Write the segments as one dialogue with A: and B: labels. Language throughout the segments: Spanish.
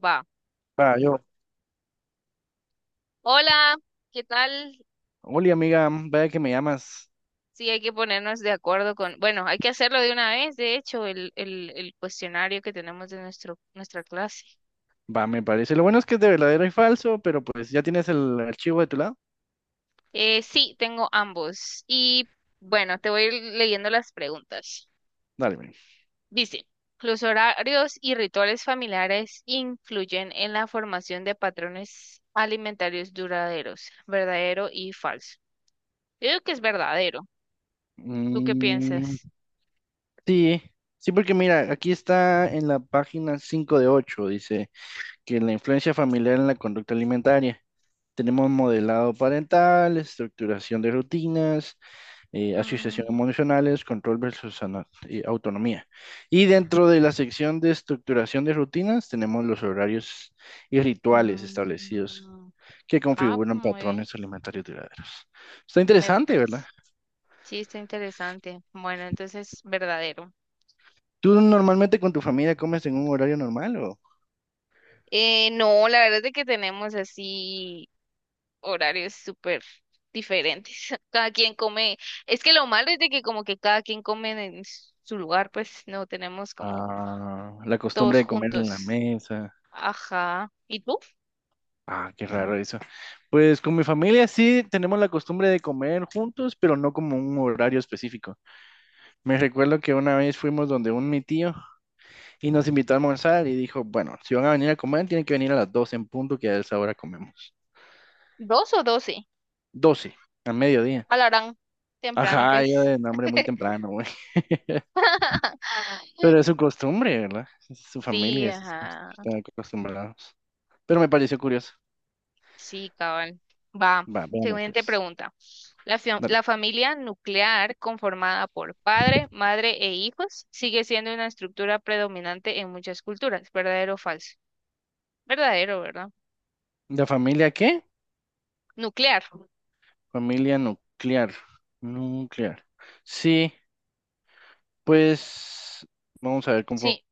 A: Va.
B: Va, yo.
A: Hola, ¿qué tal?
B: Hola, amiga, vaya que me llamas.
A: Sí, hay que ponernos de acuerdo con, bueno, hay que hacerlo de una vez, de hecho, el cuestionario que tenemos de nuestra clase.
B: Va, me parece. Lo bueno es que es de verdadero y falso, pero pues ya tienes el archivo de tu lado.
A: Sí, tengo ambos. Y bueno, te voy leyendo las preguntas.
B: Dale, ven.
A: Dice, ¿los horarios y rituales familiares influyen en la formación de patrones alimentarios duraderos? ¿Verdadero y falso? Yo digo que es verdadero. ¿Tú qué
B: Mm,
A: piensas?
B: sí, sí, porque mira, aquí está en la página 5 de 8, dice que la influencia familiar en la conducta alimentaria. Tenemos modelado parental, estructuración de rutinas, asociación
A: Mm.
B: emocionales, control versus autonomía. Y dentro de la sección de estructuración de rutinas tenemos los horarios y rituales establecidos
A: Mm.
B: que
A: Ah,
B: configuran
A: muy bien.
B: patrones alimentarios duraderos. Está
A: Me
B: interesante, ¿verdad?
A: parece. Sí, está interesante. Bueno, entonces, verdadero.
B: ¿Tú normalmente con tu familia comes en un horario normal o
A: No, la verdad es de que tenemos así horarios súper diferentes. Cada quien come. Es que lo malo es de que como que cada quien come en su lugar, pues no tenemos como
B: la costumbre
A: todos
B: de comer en la
A: juntos.
B: mesa?
A: Ajá. ¿Y tú?
B: Ah, qué raro eso. Pues con mi familia sí tenemos la costumbre de comer juntos, pero no como un horario específico. Me recuerdo que una vez fuimos donde un mi tío. Y nos invitó a almorzar y dijo, bueno, si van a venir a comer, tienen que venir a las 12 en punto, que a esa hora comemos.
A: ¿Dos o doce?
B: 12 a mediodía.
A: Alarán. Temprano,
B: Ajá, yo
A: pues.
B: de nombre muy temprano, güey. Pero es su costumbre, ¿verdad? Es su
A: Sí,
B: familia,
A: ajá.
B: están acostumbrados. Pero me pareció curioso.
A: Sí, cabal. Va.
B: Va, veamos
A: Siguiente
B: pues.
A: pregunta.
B: Dale.
A: La familia nuclear conformada por padre, madre e hijos sigue siendo una estructura predominante en muchas culturas. ¿Verdadero o falso? Verdadero, ¿verdad?
B: ¿De familia qué?
A: Nuclear.
B: Familia nuclear. Nuclear. Sí, pues vamos a ver conforme
A: Sí.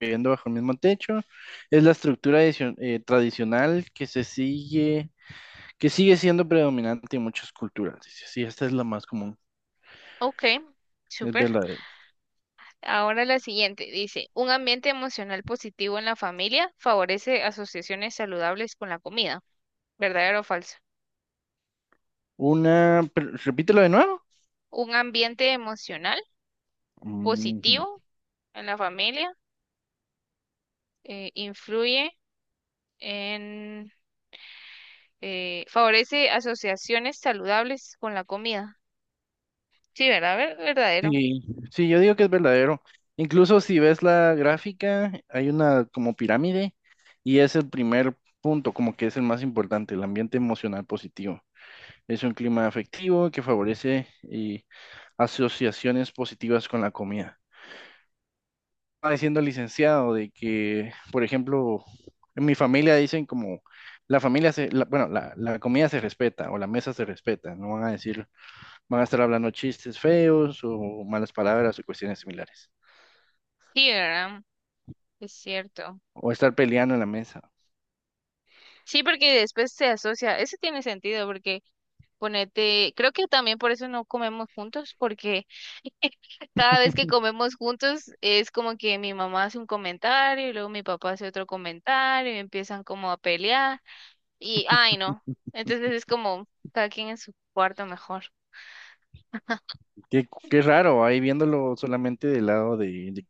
B: viviendo bajo el mismo techo. Es la estructura tradicional que sigue siendo predominante en muchas culturas. Dice, sí, esta es la más común,
A: Ok.
B: es
A: Súper.
B: verdadero.
A: Ahora la siguiente. Dice, un ambiente emocional positivo en la familia favorece asociaciones saludables con la comida. ¿Verdadero o falso?
B: Una, repítelo de nuevo.
A: Un ambiente emocional
B: Ujú.
A: positivo en la familia influye en favorece asociaciones saludables con la comida. Sí, ¿verdad? Verdadero.
B: Sí, sí, yo digo que es verdadero. Incluso si ves la gráfica, hay una como pirámide y es el primer punto, como que es el más importante, el ambiente emocional positivo. Es un clima afectivo que favorece y asociaciones positivas con la comida. Estaba diciendo el licenciado de que, por ejemplo, en mi familia dicen como la familia se, la- bueno, la comida se respeta o la mesa se respeta, no van a decir, van a estar hablando chistes feos o malas palabras o cuestiones similares,
A: Sí, ¿verdad? Es cierto.
B: o estar peleando en la mesa.
A: Sí, porque después se asocia. Eso tiene sentido porque ponete, creo que también por eso no comemos juntos, porque cada vez que comemos juntos es como que mi mamá hace un comentario y luego mi papá hace otro comentario y empiezan como a pelear y, ay, no. Entonces es como cada quien en su cuarto mejor.
B: Qué raro, ahí viéndolo solamente del lado de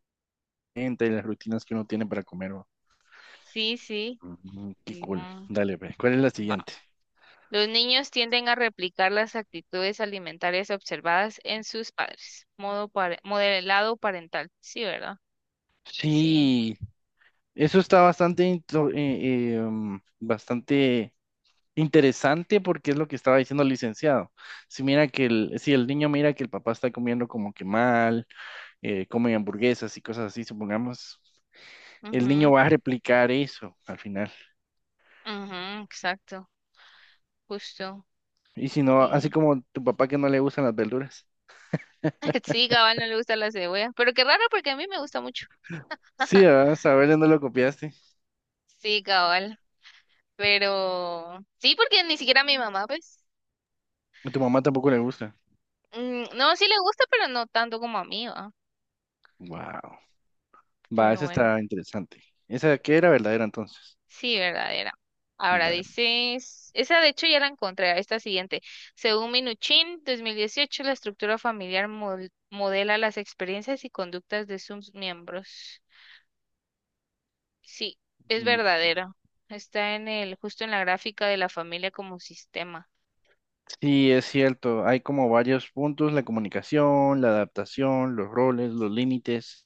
B: gente y las rutinas que uno tiene para comer, ¿no?
A: Sí, sí.
B: Qué cool.
A: Mm,
B: Dale, ve. ¿Cuál es la
A: Va.
B: siguiente?
A: Los niños tienden a replicar las actitudes alimentarias observadas en sus padres. Modelado parental. Sí, ¿verdad? Sí.
B: Sí, eso está bastante interesante porque es lo que estaba diciendo el licenciado. Si mira si el niño mira que el papá está comiendo como que mal, come hamburguesas y cosas así, supongamos, el niño
A: Ujú,
B: va a replicar eso al final.
A: ujú, exacto. Justo.
B: Y si no, así
A: Eh,
B: como tu papá que no le gustan las verduras.
A: Sí, cabal, no le gusta la cebolla. Pero qué raro porque a mí me gusta mucho.
B: Sí, ¿verdad? Saberle no lo copiaste.
A: Sí, cabal. Pero sí, porque ni siquiera a mi mamá, pues.
B: A tu mamá tampoco le gusta.
A: No, sí le gusta, pero no tanto como a mí, ¿va?
B: Wow. Va,
A: Pero
B: esa
A: bueno.
B: está interesante. ¿Esa que era verdadera entonces?
A: Sí, verdadera. Ahora
B: Dale.
A: dices, esa de hecho ya la encontré, esta siguiente. Según Minuchin, 2018, la estructura familiar modela las experiencias y conductas de sus miembros. Sí, es verdadero. Está en el, justo en la gráfica de la familia como sistema.
B: Sí, es cierto, hay como varios puntos, la comunicación, la adaptación, los roles, los límites,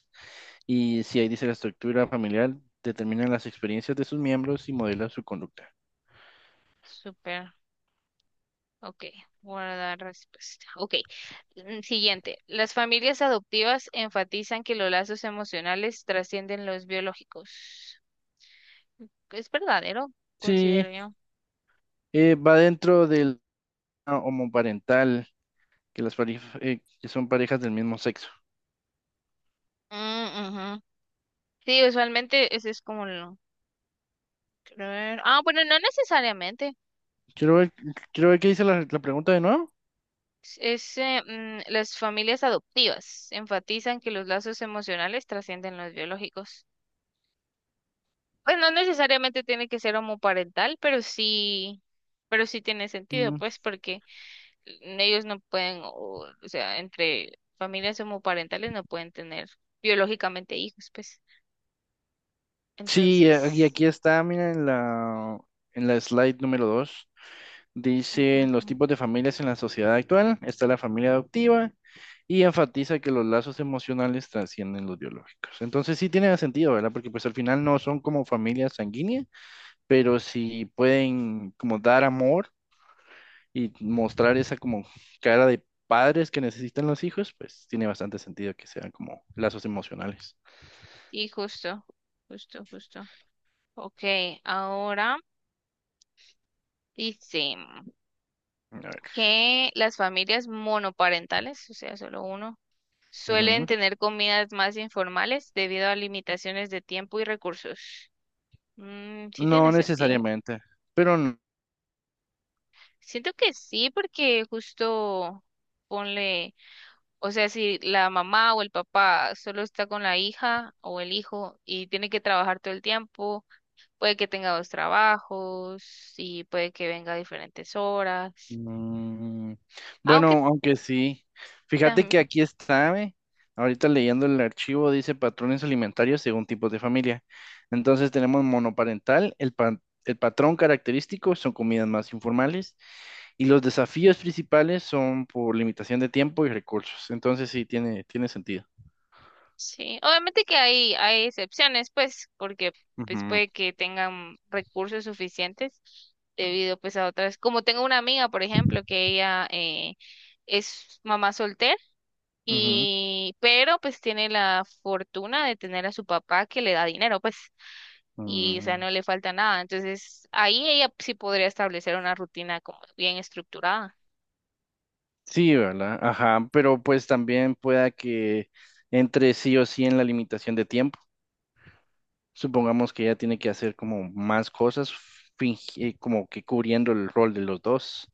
B: y si ahí dice la estructura familiar, determinan las experiencias de sus miembros y modela su conducta.
A: Súper. Ok, guardar respuesta. Ok, siguiente. Las familias adoptivas enfatizan que los lazos emocionales trascienden los biológicos. Es verdadero,
B: Sí,
A: considero yo.
B: va dentro del homoparental, que las parejas, que son parejas del mismo sexo.
A: Mm, ujú. Sí, usualmente ese es como lo... Ah, bueno, no necesariamente.
B: Quiero ver, quiero ver qué dice la pregunta de nuevo.
A: Es, las familias adoptivas enfatizan que los lazos emocionales trascienden los biológicos. Pues no necesariamente tiene que ser homoparental, pero sí tiene sentido,
B: Mm,
A: pues, porque ellos no pueden, o sea, entre familias homoparentales no pueden tener biológicamente hijos, pues.
B: sí, y
A: Entonces,
B: aquí está, mira, en la slide número 2.
A: ujú,
B: Dicen los
A: ujú.
B: tipos de familias en la sociedad actual, está la familia adoptiva y enfatiza que los lazos emocionales trascienden los biológicos. Entonces sí tiene sentido, ¿verdad? Porque pues al final no son como familias sanguíneas, pero sí pueden como dar amor y mostrar esa como cara de padres que necesitan los hijos, pues tiene bastante sentido que sean como lazos emocionales.
A: Sí, justo, justo, justo. Ok, ahora dice
B: A ver.
A: que las familias monoparentales, o sea, solo uno, suelen
B: Ujú.
A: tener comidas más informales debido a limitaciones de tiempo y recursos. Mm, sí
B: No
A: tiene sentido.
B: necesariamente, pero
A: Siento que sí, porque justo ponle, o sea, si la mamá o el papá solo está con la hija o el hijo y tiene que trabajar todo el tiempo, puede que tenga dos trabajos y puede que venga a diferentes horas.
B: Mm,
A: Aunque
B: bueno, aunque sí. Fíjate
A: también
B: que aquí está, ¿eh? Ahorita leyendo el archivo dice patrones alimentarios según tipos de familia. Entonces tenemos monoparental, el patrón característico son comidas más informales y los desafíos principales son por limitación de tiempo y recursos. Entonces sí, tiene sentido.
A: sí, obviamente que hay excepciones, pues, porque pues
B: Ujú,
A: puede que tengan recursos suficientes debido pues a otras, como tengo una amiga, por ejemplo, que ella es mamá soltera y, pero pues tiene la fortuna de tener a su papá que le da dinero, pues,
B: ujú,
A: y o sea,
B: mm.
A: no le falta nada. Entonces, ahí ella sí podría establecer una rutina como bien estructurada.
B: Sí, ¿verdad? Ajá, pero pues también pueda que entre sí o sí en la limitación de tiempo. Supongamos que ella tiene que hacer como más cosas, como que cubriendo el rol de los dos.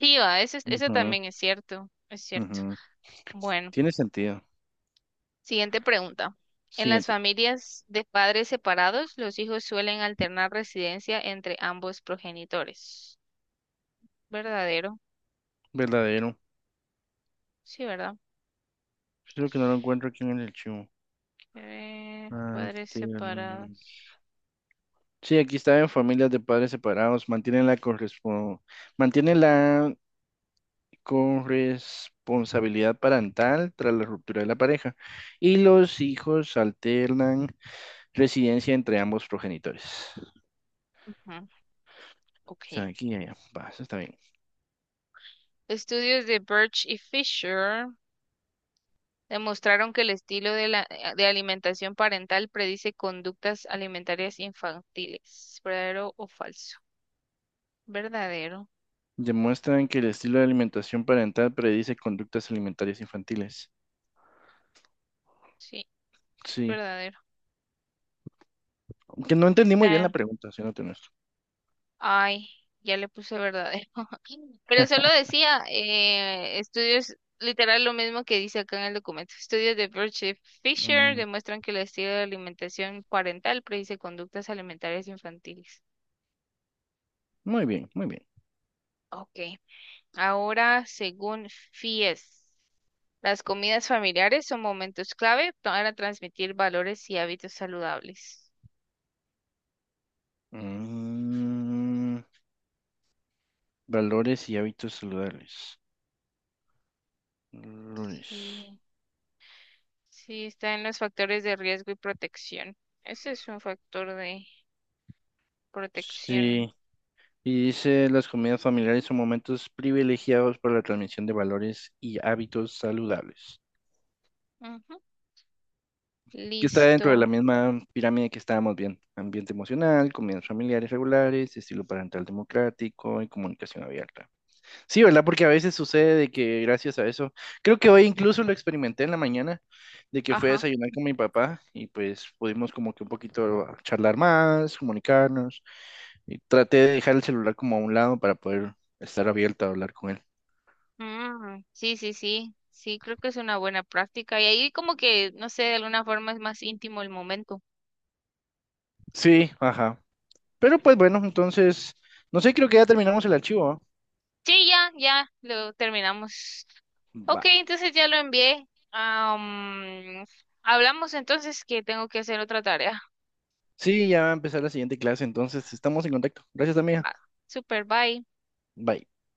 A: Sí, va, eso, eso
B: Ujú,
A: también es cierto, es cierto.
B: ujú.
A: Bueno.
B: Tiene sentido.
A: Siguiente pregunta. En las
B: Siguiente.
A: familias de padres separados, los hijos suelen alternar residencia entre ambos progenitores. ¿Verdadero?
B: Verdadero.
A: Sí, ¿verdad?
B: Creo que no lo encuentro aquí en el archivo.
A: Padres
B: Altern-
A: separados.
B: Sí, aquí está en familias de padres separados. Mantienen la mantienen la corresponsabilidad parental tras la ruptura de la pareja. Y los hijos alternan residencia entre ambos progenitores.
A: Ujú. Ok.
B: O sea, aquí y allá. Va, eso está bien.
A: Estudios de Birch y Fisher demostraron que el estilo de, de alimentación parental predice conductas alimentarias infantiles. ¿Verdadero o falso? Verdadero.
B: Demuestran que el estilo de alimentación parental predice conductas alimentarias infantiles.
A: Sí, es
B: Sí.
A: verdadero.
B: Que no entendí muy bien la
A: Está
B: pregunta, siéndote honesto.
A: ay, ya le puse verdadero. Pero solo decía estudios, literal lo mismo que dice acá en el documento. Estudios de Birch Fisher
B: Mm,
A: demuestran que el estilo de alimentación parental predice conductas alimentarias infantiles.
B: Muy bien, muy bien.
A: Ok, ahora según FIES, las comidas familiares son momentos clave para transmitir valores y hábitos saludables.
B: Mm, Valores y hábitos saludables. Valores.
A: Sí, sí, está en los factores de riesgo y protección. Ese es un factor de protección.
B: Sí. Y dice, las comidas familiares son momentos privilegiados para la transmisión de valores y hábitos saludables.
A: Ujú.
B: Que está dentro de la
A: Listo.
B: misma pirámide que estábamos viendo. Ambiente emocional, comidas familiares regulares, estilo parental democrático y comunicación abierta. Sí, ¿verdad? Porque a veces sucede de que gracias a eso, creo que hoy incluso lo experimenté en la mañana, de que fui a
A: Ajá.
B: desayunar con mi papá y pues pudimos como que un poquito charlar más, comunicarnos y traté de dejar el celular como a un lado para poder estar abierto a hablar con él.
A: Mm, sí, sí, sí. Sí, creo que es una buena práctica. Y ahí como que, no sé, de alguna forma es más íntimo el momento.
B: Sí, ajá. Pero pues bueno, entonces, no sé, creo que ya terminamos el archivo, ¿ah?
A: Sí, ya, ya, lo terminamos.
B: Va.
A: Ok, entonces ya lo envié. Am, hablamos entonces que tengo que hacer otra tarea.
B: Sí, ya va a empezar la siguiente clase, entonces estamos en contacto. Gracias, amiga.
A: Va. Super, bye.
B: Bye.